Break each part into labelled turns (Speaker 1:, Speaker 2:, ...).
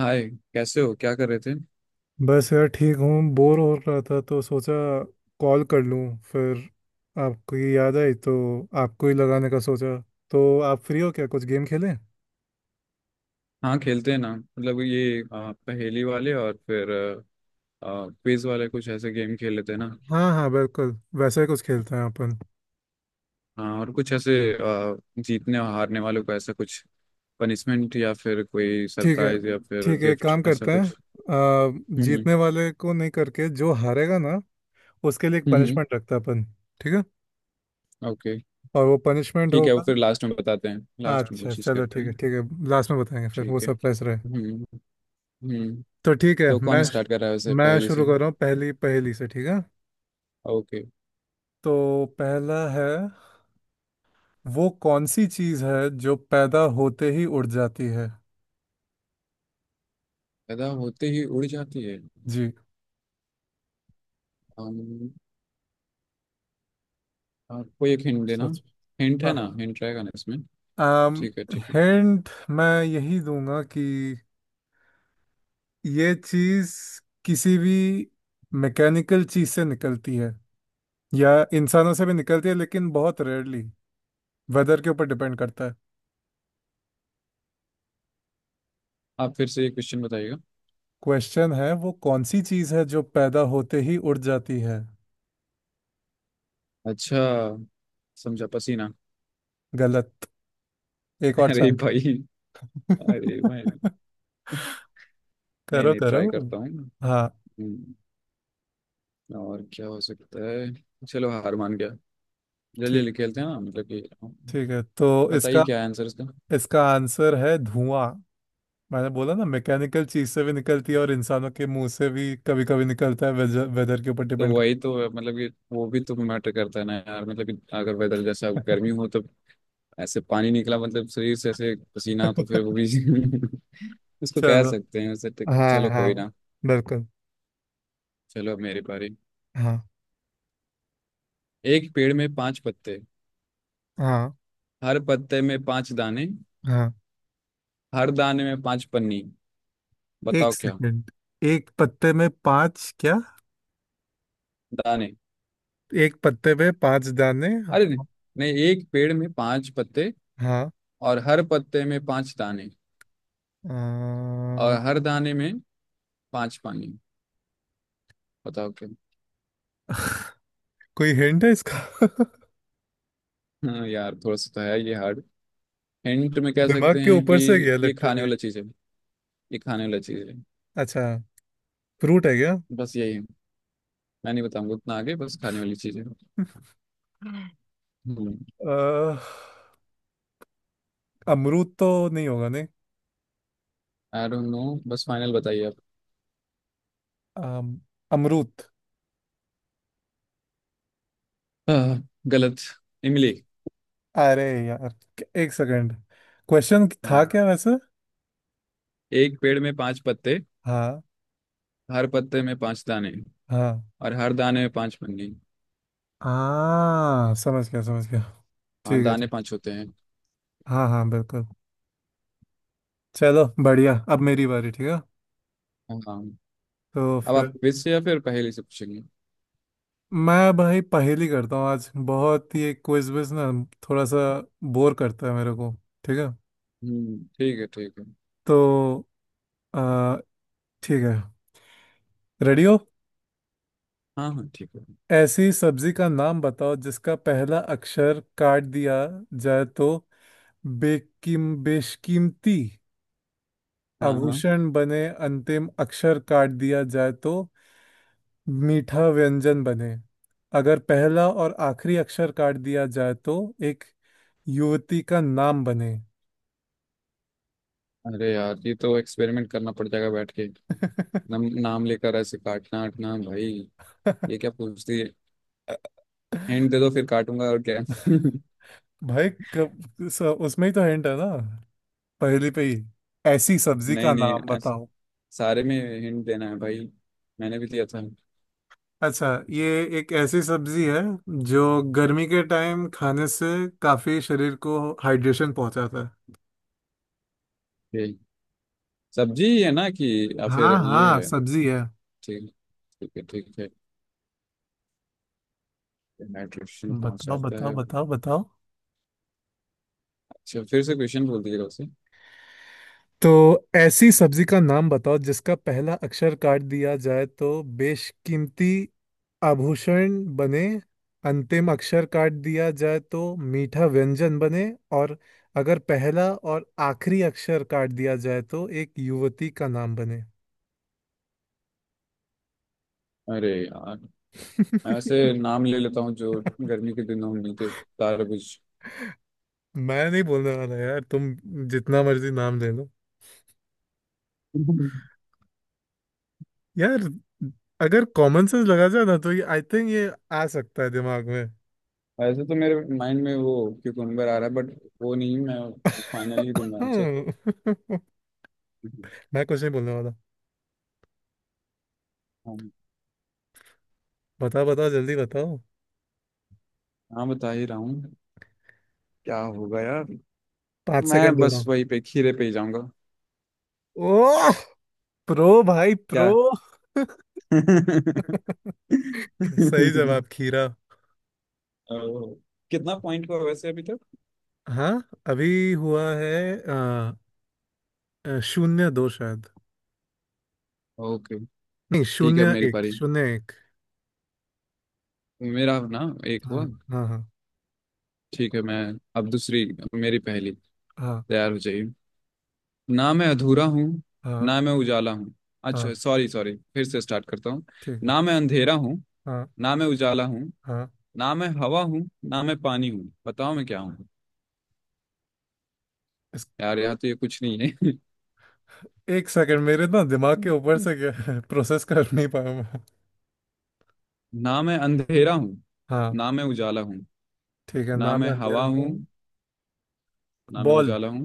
Speaker 1: हाय। कैसे हो? क्या कर रहे थे?
Speaker 2: बस यार ठीक हूँ। बोर हो रहा था तो सोचा कॉल कर लूँ। फिर आपकी याद आई तो आपको ही लगाने का सोचा। तो आप फ्री हो क्या? कुछ गेम खेलें?
Speaker 1: हाँ, खेलते हैं ना। मतलब ये पहेली वाले और फिर क्विज वाले, कुछ ऐसे गेम खेल लेते हैं ना।
Speaker 2: हाँ हाँ, बिल्कुल। वैसे ही कुछ खेलते हैं अपन।
Speaker 1: हाँ, और कुछ ऐसे जीतने और हारने वालों को ऐसा कुछ पनिशमेंट, या फिर कोई
Speaker 2: ठीक है।
Speaker 1: सरप्राइज, या फिर
Speaker 2: ठीक है, एक
Speaker 1: गिफ्ट
Speaker 2: काम
Speaker 1: ऐसा
Speaker 2: करते हैं
Speaker 1: कुछ।
Speaker 2: अ,
Speaker 1: हम्म, हम्म।
Speaker 2: जीतने वाले को नहीं करके जो हारेगा ना, उसके लिए एक
Speaker 1: हम्म।
Speaker 2: पनिशमेंट रखते हैं अपन। ठीक है।
Speaker 1: ओके।
Speaker 2: और वो पनिशमेंट
Speaker 1: ठीक है, वो
Speaker 2: होगा।
Speaker 1: फिर लास्ट में बताते हैं। लास्ट में
Speaker 2: अच्छा
Speaker 1: कोशिश
Speaker 2: चलो,
Speaker 1: करते
Speaker 2: ठीक है
Speaker 1: हैं।
Speaker 2: ठीक है, लास्ट में बताएंगे फिर वो
Speaker 1: ठीक है।
Speaker 2: सरप्राइज रहे।
Speaker 1: हम्म, हम्म।
Speaker 2: तो ठीक है,
Speaker 1: तो
Speaker 2: मैं
Speaker 1: कौन स्टार्ट कर रहा है वैसे
Speaker 2: मैं
Speaker 1: पहेली से?
Speaker 2: शुरू कर रहा हूँ पहली पहेली से। ठीक है,
Speaker 1: ओके।
Speaker 2: तो पहला है, वो कौन सी चीज है जो पैदा होते ही उड़ जाती है?
Speaker 1: पैदा होते ही उड़ जाती
Speaker 2: जी।
Speaker 1: है। आप कोई एक हिंट देना।
Speaker 2: सोच।
Speaker 1: हिंट है ना, हिंट रहेगा ना इसमें?
Speaker 2: आम।
Speaker 1: ठीक है, ठीक है।
Speaker 2: हिंट मैं यही दूंगा कि ये चीज किसी भी मैकेनिकल चीज से निकलती है, या इंसानों से भी निकलती है लेकिन बहुत रेयरली। वेदर के ऊपर डिपेंड करता है।
Speaker 1: आप फिर से ये क्वेश्चन बताइएगा।
Speaker 2: क्वेश्चन है, वो कौन सी चीज है जो पैदा होते ही उड़ जाती है?
Speaker 1: अच्छा, समझा। पसीना।
Speaker 2: गलत। एक और
Speaker 1: अरे
Speaker 2: चांस।
Speaker 1: भाई। अरे भाई। नहीं
Speaker 2: करो
Speaker 1: नहीं,
Speaker 2: करो।
Speaker 1: ट्राई करता हूँ।
Speaker 2: हाँ,
Speaker 1: और क्या हो सकता है। चलो, हार मान गया। जल्दी
Speaker 2: ठीक
Speaker 1: जल्दी खेलते हैं ना, मतलब कि
Speaker 2: ठीक है तो
Speaker 1: बताइए
Speaker 2: इसका
Speaker 1: क्या आंसर इसका।
Speaker 2: इसका आंसर है धुआं। मैंने बोला ना मैकेनिकल चीज से भी निकलती है, और इंसानों के मुंह से भी कभी कभी निकलता है। वेदर के ऊपर
Speaker 1: तो
Speaker 2: डिपेंड
Speaker 1: वही तो है, मतलब कि वो भी तो मैटर करता है ना यार। मतलब कि अगर वेदर जैसा
Speaker 2: करता
Speaker 1: गर्मी हो तो ऐसे पानी निकला, मतलब शरीर से ऐसे पसीना,
Speaker 2: है।
Speaker 1: तो फिर वो भी इसको कह
Speaker 2: चलो,
Speaker 1: सकते हैं वैसे
Speaker 2: हाँ
Speaker 1: चलो,
Speaker 2: हाँ
Speaker 1: कोई ना।
Speaker 2: बिल्कुल।
Speaker 1: चलो अब मेरी बारी।
Speaker 2: हाँ
Speaker 1: एक पेड़ में पांच पत्ते,
Speaker 2: हाँ
Speaker 1: हर पत्ते में पांच दाने,
Speaker 2: हाँ।
Speaker 1: हर दाने में पांच पन्नी,
Speaker 2: एक
Speaker 1: बताओ क्या।
Speaker 2: सेकंड, एक पत्ते में पांच क्या?
Speaker 1: दाने।
Speaker 2: एक पत्ते पे पांच दाने? हाँ।
Speaker 1: अरे नहीं, नहीं, एक पेड़ में पांच पत्ते,
Speaker 2: हाँ,
Speaker 1: और हर पत्ते में पांच दाने, और
Speaker 2: अ,
Speaker 1: हर दाने में पांच पानी, बताओ क्या।
Speaker 2: कोई हिंट है इसका?
Speaker 1: हाँ यार, थोड़ा सा तो है, ये हार्ड। हिंट में कह
Speaker 2: दिमाग
Speaker 1: सकते
Speaker 2: के
Speaker 1: हैं कि
Speaker 2: ऊपर से गया
Speaker 1: ये खाने
Speaker 2: लिटरली।
Speaker 1: वाला चीज है। ये खाने वाला चीज है।
Speaker 2: अच्छा, फ्रूट है क्या?
Speaker 1: बस यही है। मैं नहीं बताऊंगा उतना आगे, बस खाने वाली चीज है। हम्म।
Speaker 2: अ, अमरूद तो नहीं होगा, नहीं।
Speaker 1: I don't know. बस फाइनल बताइए आप।
Speaker 2: अम, अमरूद।
Speaker 1: आह, गलत। इमली।
Speaker 2: अरे यार, एक सेकंड। क्वेश्चन
Speaker 1: हाँ,
Speaker 2: था क्या वैसे?
Speaker 1: एक पेड़ में पांच पत्ते,
Speaker 2: हाँ।
Speaker 1: हर पत्ते में पांच दाने,
Speaker 2: हाँ
Speaker 1: और हर दाने में पांच पन्नी।
Speaker 2: हाँ, समझ गया समझ गया।
Speaker 1: हाँ,
Speaker 2: ठीक है,
Speaker 1: दाने
Speaker 2: ठीक।
Speaker 1: पांच होते हैं।
Speaker 2: हाँ हाँ, बिल्कुल। चलो बढ़िया, अब मेरी बारी, ठीक है।
Speaker 1: हाँ।
Speaker 2: तो
Speaker 1: अब आप
Speaker 2: फिर,
Speaker 1: क्विज से या फिर पहेली से पूछेंगे?
Speaker 2: मैं भाई पहेली करता हूँ आज, बहुत ये क्विज विज ना थोड़ा सा बोर करता है मेरे को। ठीक है।
Speaker 1: हम्म, ठीक है, ठीक है।
Speaker 2: तो आ, ठीक है, रेडी हो?
Speaker 1: हाँ हाँ, ठीक है।
Speaker 2: ऐसी सब्जी का नाम बताओ जिसका पहला अक्षर काट दिया जाए तो बेकिम बेशकीमती
Speaker 1: हाँ, हाँ।
Speaker 2: आभूषण बने, अंतिम अक्षर काट दिया जाए तो मीठा व्यंजन बने, अगर पहला और आखिरी अक्षर काट दिया जाए तो एक युवती का नाम बने।
Speaker 1: अरे यार, ये तो एक्सपेरिमेंट करना पड़ जाएगा बैठ के। नाम लेकर ऐसे काटना आटना, भाई ये क्या पूछती है। हिंट दे दो, फिर काटूंगा और क्या।
Speaker 2: भाई कब उसमें ही तो हिंट है ना, पहली पे ही। ऐसी सब्जी
Speaker 1: नहीं
Speaker 2: का
Speaker 1: नहीं,
Speaker 2: नाम बताओ।
Speaker 1: सारे में हिंट देना है भाई, मैंने भी दिया था।
Speaker 2: अच्छा, ये एक ऐसी सब्जी है जो गर्मी के टाइम खाने से काफी शरीर को हाइड्रेशन पहुंचाता है।
Speaker 1: सब्जी ही है ना, कि या फिर
Speaker 2: हाँ
Speaker 1: ये
Speaker 2: हाँ,
Speaker 1: है?
Speaker 2: सब्जी है।
Speaker 1: ठीक, ठीक है, ठीक है। न्यूट्रिशन
Speaker 2: बताओ
Speaker 1: पहुंचाता
Speaker 2: बताओ
Speaker 1: है।
Speaker 2: बताओ बताओ।
Speaker 1: अच्छा, फिर से क्वेश्चन बोल दीजिएगा उसे।
Speaker 2: तो ऐसी सब्जी का नाम बताओ जिसका पहला अक्षर काट दिया जाए तो बेशकीमती आभूषण बने, अंतिम अक्षर काट दिया जाए तो मीठा व्यंजन बने, और अगर पहला और आखिरी अक्षर काट दिया जाए तो एक युवती का नाम बने।
Speaker 1: अरे यार, मैं वैसे नाम ले लेता हूँ जो गर्मी के दिनों में मिलते। तारबूज।
Speaker 2: मैं नहीं बोलने वाला यार, तुम जितना मर्जी नाम ले लो। यार, अगर कॉमन सेंस लगा जाए ना तो ये आई थिंक ये आ सकता है दिमाग में।
Speaker 1: वैसे तो मेरे माइंड में वो क्यूकम्बर आ रहा है, बट वो नहीं, मैं फाइनली दूंगा आंसर।
Speaker 2: मैं कुछ नहीं बोलने वाला।
Speaker 1: हाँ।
Speaker 2: बताओ बताओ, जल्दी बताओ।
Speaker 1: हाँ, बता ही रहा हूँ। क्या होगा यार।
Speaker 2: 5 सेकंड
Speaker 1: मैं
Speaker 2: दे रहा
Speaker 1: बस
Speaker 2: हूँ।
Speaker 1: वही पे, खीरे पे ही जाऊंगा।
Speaker 2: ओह, प्रो भाई,
Speaker 1: क्या।
Speaker 2: प्रो। सही जवाब खीरा।
Speaker 1: ओ, कितना पॉइंट हुआ वैसे अभी तक?
Speaker 2: हाँ, अभी हुआ है आ, आ, शून्य दो शायद।
Speaker 1: ओके।
Speaker 2: नहीं,
Speaker 1: ठीक है, अब
Speaker 2: शून्य
Speaker 1: मेरी
Speaker 2: एक
Speaker 1: पारी।
Speaker 2: शून्य एक।
Speaker 1: मेरा ना एक हुआ।
Speaker 2: हाँ हाँ हाँ
Speaker 1: ठीक है, मैं अब दूसरी, मेरी पहली,
Speaker 2: हाँ
Speaker 1: तैयार हो जाइए। ना मैं अधूरा हूँ,
Speaker 2: हाँ
Speaker 1: ना मैं उजाला हूँ।
Speaker 2: हाँ।
Speaker 1: अच्छा सॉरी, सॉरी, फिर से स्टार्ट करता हूँ।
Speaker 2: ठीक है।
Speaker 1: ना मैं अंधेरा हूँ,
Speaker 2: हाँ
Speaker 1: ना मैं उजाला हूँ,
Speaker 2: हाँ।
Speaker 1: ना मैं हवा हूँ, ना मैं पानी हूँ, बताओ मैं क्या हूँ। यार यहाँ तो ये कुछ नहीं है।
Speaker 2: एक सेकंड, मेरे ना दिमाग के ऊपर से प्रोसेस कर नहीं पाया मैं।
Speaker 1: ना मैं अंधेरा हूँ,
Speaker 2: हाँ
Speaker 1: ना मैं उजाला हूँ,
Speaker 2: ठीक है,
Speaker 1: ना
Speaker 2: ना मैं
Speaker 1: मैं
Speaker 2: अंधेरा
Speaker 1: हवा
Speaker 2: हूँ।
Speaker 1: हूँ, ना मैं
Speaker 2: बॉल।
Speaker 1: उजाला हूँ।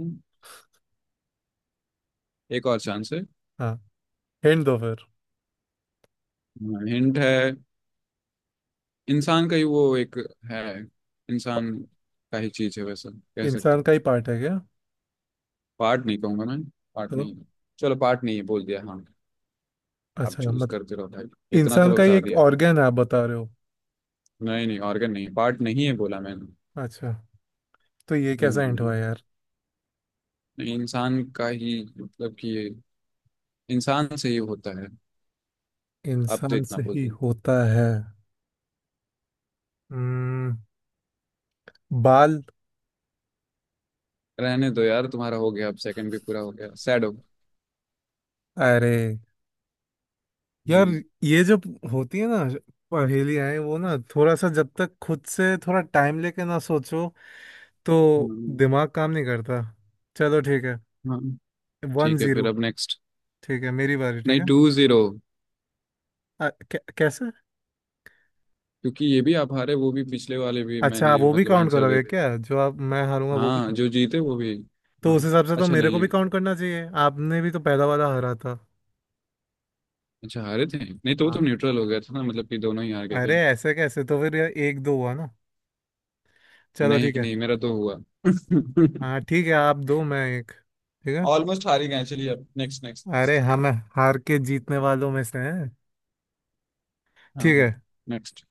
Speaker 1: एक और चांस है।
Speaker 2: हाँ, हिंट दो फिर।
Speaker 1: हिंट है, इंसान का ही वो एक है। इंसान का ही चीज है वैसा कह सकते
Speaker 2: इंसान
Speaker 1: हो।
Speaker 2: का ही पार्ट है क्या?
Speaker 1: पार्ट नहीं कहूंगा मैं, पार्ट
Speaker 2: तो
Speaker 1: नहीं है। चलो पार्ट नहीं है बोल दिया, हाँ। आप
Speaker 2: अच्छा,
Speaker 1: चूज
Speaker 2: मत।
Speaker 1: करते रहो भाई, इतना
Speaker 2: इंसान
Speaker 1: तो
Speaker 2: का ही
Speaker 1: बता
Speaker 2: एक
Speaker 1: दिया।
Speaker 2: ऑर्गन है आप बता रहे हो?
Speaker 1: नहीं नहीं, ऑर्गन नहीं, पार्ट नहीं है बोला मैंने।
Speaker 2: अच्छा, तो ये
Speaker 1: हम्म,
Speaker 2: कैसा हिंट हुआ यार?
Speaker 1: नहीं, इंसान का ही मतलब कि ये इंसान से ही होता है। आप तो
Speaker 2: इंसान
Speaker 1: इतना
Speaker 2: से
Speaker 1: बोल
Speaker 2: ही
Speaker 1: दिया।
Speaker 2: होता है। हम्म। बाल।
Speaker 1: रहने दो यार, तुम्हारा हो गया, अब सेकंड भी पूरा हो गया, सैड हो।
Speaker 2: अरे यार,
Speaker 1: हम्म,
Speaker 2: ये जब होती है ना पहेलियाँ, वो ना थोड़ा सा जब तक खुद से थोड़ा टाइम लेके ना सोचो तो
Speaker 1: हम्म।
Speaker 2: दिमाग काम नहीं करता। चलो ठीक है,
Speaker 1: हाँ,
Speaker 2: वन
Speaker 1: ठीक है, फिर
Speaker 2: जीरो
Speaker 1: अब नेक्स्ट।
Speaker 2: ठीक है, मेरी बारी, ठीक
Speaker 1: नहीं,
Speaker 2: है।
Speaker 1: Two zero.
Speaker 2: कैसे?
Speaker 1: क्योंकि ये भी आप हारे, वो भी पिछले वाले भी,
Speaker 2: अच्छा, आप
Speaker 1: मैंने
Speaker 2: वो भी
Speaker 1: मतलब
Speaker 2: काउंट
Speaker 1: आंसर दे
Speaker 2: करोगे
Speaker 1: दिया।
Speaker 2: क्या, जो आप, मैं हारूंगा वो भी?
Speaker 1: हाँ, जो जीते वो भी।
Speaker 2: तो
Speaker 1: हाँ।
Speaker 2: उस हिसाब से तो
Speaker 1: अच्छा
Speaker 2: मेरे को
Speaker 1: नहीं,
Speaker 2: भी काउंट करना चाहिए, आपने भी तो पहला वाला हरा था।
Speaker 1: अच्छा हारे थे नहीं, तो वो तो
Speaker 2: हाँ।
Speaker 1: न्यूट्रल हो गया था ना, मतलब कि दोनों ही हार गए
Speaker 2: अरे
Speaker 1: थे।
Speaker 2: ऐसे कैसे? तो फिर यार, एक दो हुआ ना। चलो
Speaker 1: नहीं
Speaker 2: ठीक है।
Speaker 1: नहीं, मेरा तो हुआ।
Speaker 2: हाँ ठीक है, आप दो मैं एक। ठीक है।
Speaker 1: ऑलमोस्ट हार ही गए। चलिए, अब नेक्स्ट, नेक्स्ट,
Speaker 2: अरे
Speaker 1: नेक्स्ट।
Speaker 2: हम हार के जीतने वालों में से हैं।
Speaker 1: हाँ,
Speaker 2: ठीक है।
Speaker 1: नेक्स्ट।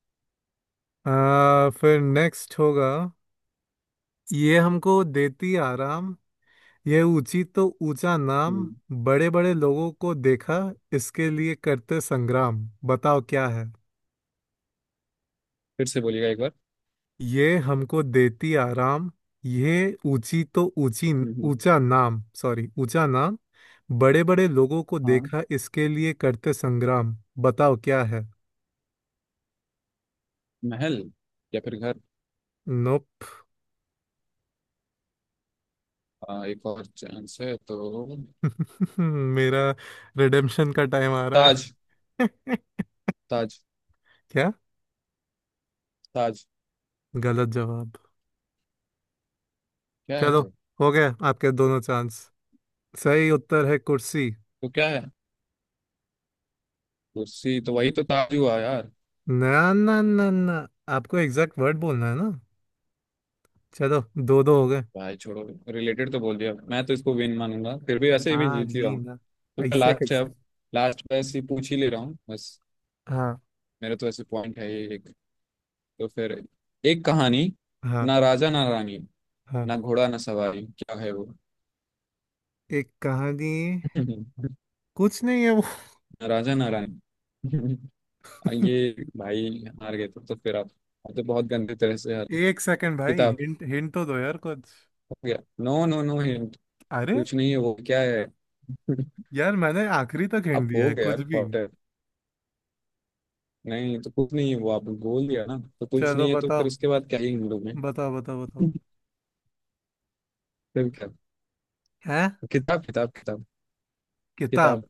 Speaker 2: फिर नेक्स्ट होगा। ये हमको देती आराम, यह ऊंची तो ऊंचा नाम, बड़े बड़े लोगों को देखा इसके लिए करते संग्राम। बताओ क्या है?
Speaker 1: फिर से बोलिएगा एक बार।
Speaker 2: ये हमको देती आराम, यह ऊंची तो ऊंची
Speaker 1: हम्म।
Speaker 2: ऊंचा नाम सॉरी ऊंचा नाम, बड़े बड़े लोगों को
Speaker 1: हाँ।
Speaker 2: देखा इसके लिए करते संग्राम। बताओ क्या है?
Speaker 1: महल, या फिर घर।
Speaker 2: नोप।
Speaker 1: हाँ, एक और चांस है तो।
Speaker 2: मेरा रिडेम्पशन का टाइम आ रहा
Speaker 1: ताज।
Speaker 2: है।
Speaker 1: ताज।
Speaker 2: क्या?
Speaker 1: ताज।
Speaker 2: गलत जवाब।
Speaker 1: क्या है
Speaker 2: चलो,
Speaker 1: तो?
Speaker 2: हो गया आपके दोनों चांस। सही उत्तर है कुर्सी।
Speaker 1: तो क्या है? कुर्सी तो वही तो ताज हुआ यार।
Speaker 2: ना ना ना ना, आपको एग्जैक्ट वर्ड बोलना है ना। चलो, दो दो हो गए।
Speaker 1: भाई छोड़ो, रिलेटेड तो बोल दिया, मैं तो इसको विन मानूंगा। फिर भी वैसे ही भी
Speaker 2: हाँ
Speaker 1: जीत ही रहा
Speaker 2: जी
Speaker 1: हूँ।
Speaker 2: ना।
Speaker 1: तो
Speaker 2: ऐसे
Speaker 1: लास्ट है
Speaker 2: कैसे?
Speaker 1: अब, लास्ट बस ही पूछ ही ले रहा हूँ बस।
Speaker 2: हाँ
Speaker 1: मेरे तो ऐसे पॉइंट है ये एक। तो फिर, एक कहानी,
Speaker 2: हाँ
Speaker 1: ना राजा ना रानी,
Speaker 2: हाँ।
Speaker 1: ना घोड़ा ना सवारी, क्या है वो?
Speaker 2: एक कहानी।
Speaker 1: ना
Speaker 2: कुछ नहीं है वो।
Speaker 1: राजा ना रानी। और ये भाई हार गए तो फिर आप तो बहुत गंदे तरह से हार गए।
Speaker 2: एक सेकंड भाई,
Speaker 1: किताब।
Speaker 2: हिंट हिंट तो दो यार कुछ।
Speaker 1: हो गया। No no, no hint.
Speaker 2: अरे
Speaker 1: कुछ नहीं है वो, क्या है?
Speaker 2: यार, मैंने आखिरी तक हिंट
Speaker 1: आप,
Speaker 2: दिया
Speaker 1: हो
Speaker 2: है
Speaker 1: गया
Speaker 2: कुछ
Speaker 1: यार।
Speaker 2: भी।
Speaker 1: नहीं तो, कुछ नहीं है वो आपने बोल दिया ना, तो कुछ
Speaker 2: चलो
Speaker 1: नहीं है, तो फिर
Speaker 2: बताओ
Speaker 1: उसके बाद क्या ही हम लोग हैं।
Speaker 2: बताओ बताओ बताओ।
Speaker 1: फिर क्या
Speaker 2: है?
Speaker 1: किताब, किताब, किताब।
Speaker 2: किताब।
Speaker 1: किताब।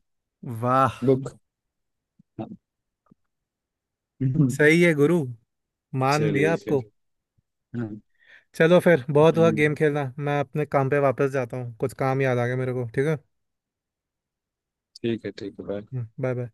Speaker 2: वाह,
Speaker 1: बुक।
Speaker 2: सही है गुरु। मान लिया
Speaker 1: चलिए फिर।
Speaker 2: आपको।
Speaker 1: हाँ,
Speaker 2: चलो फिर, बहुत हुआ
Speaker 1: हम्म,
Speaker 2: गेम खेलना, मैं अपने काम पे वापस जाता हूँ। कुछ काम याद आ गया मेरे को। ठीक है।
Speaker 1: ठीक है, ठीक है, bye।
Speaker 2: बाय। बाय।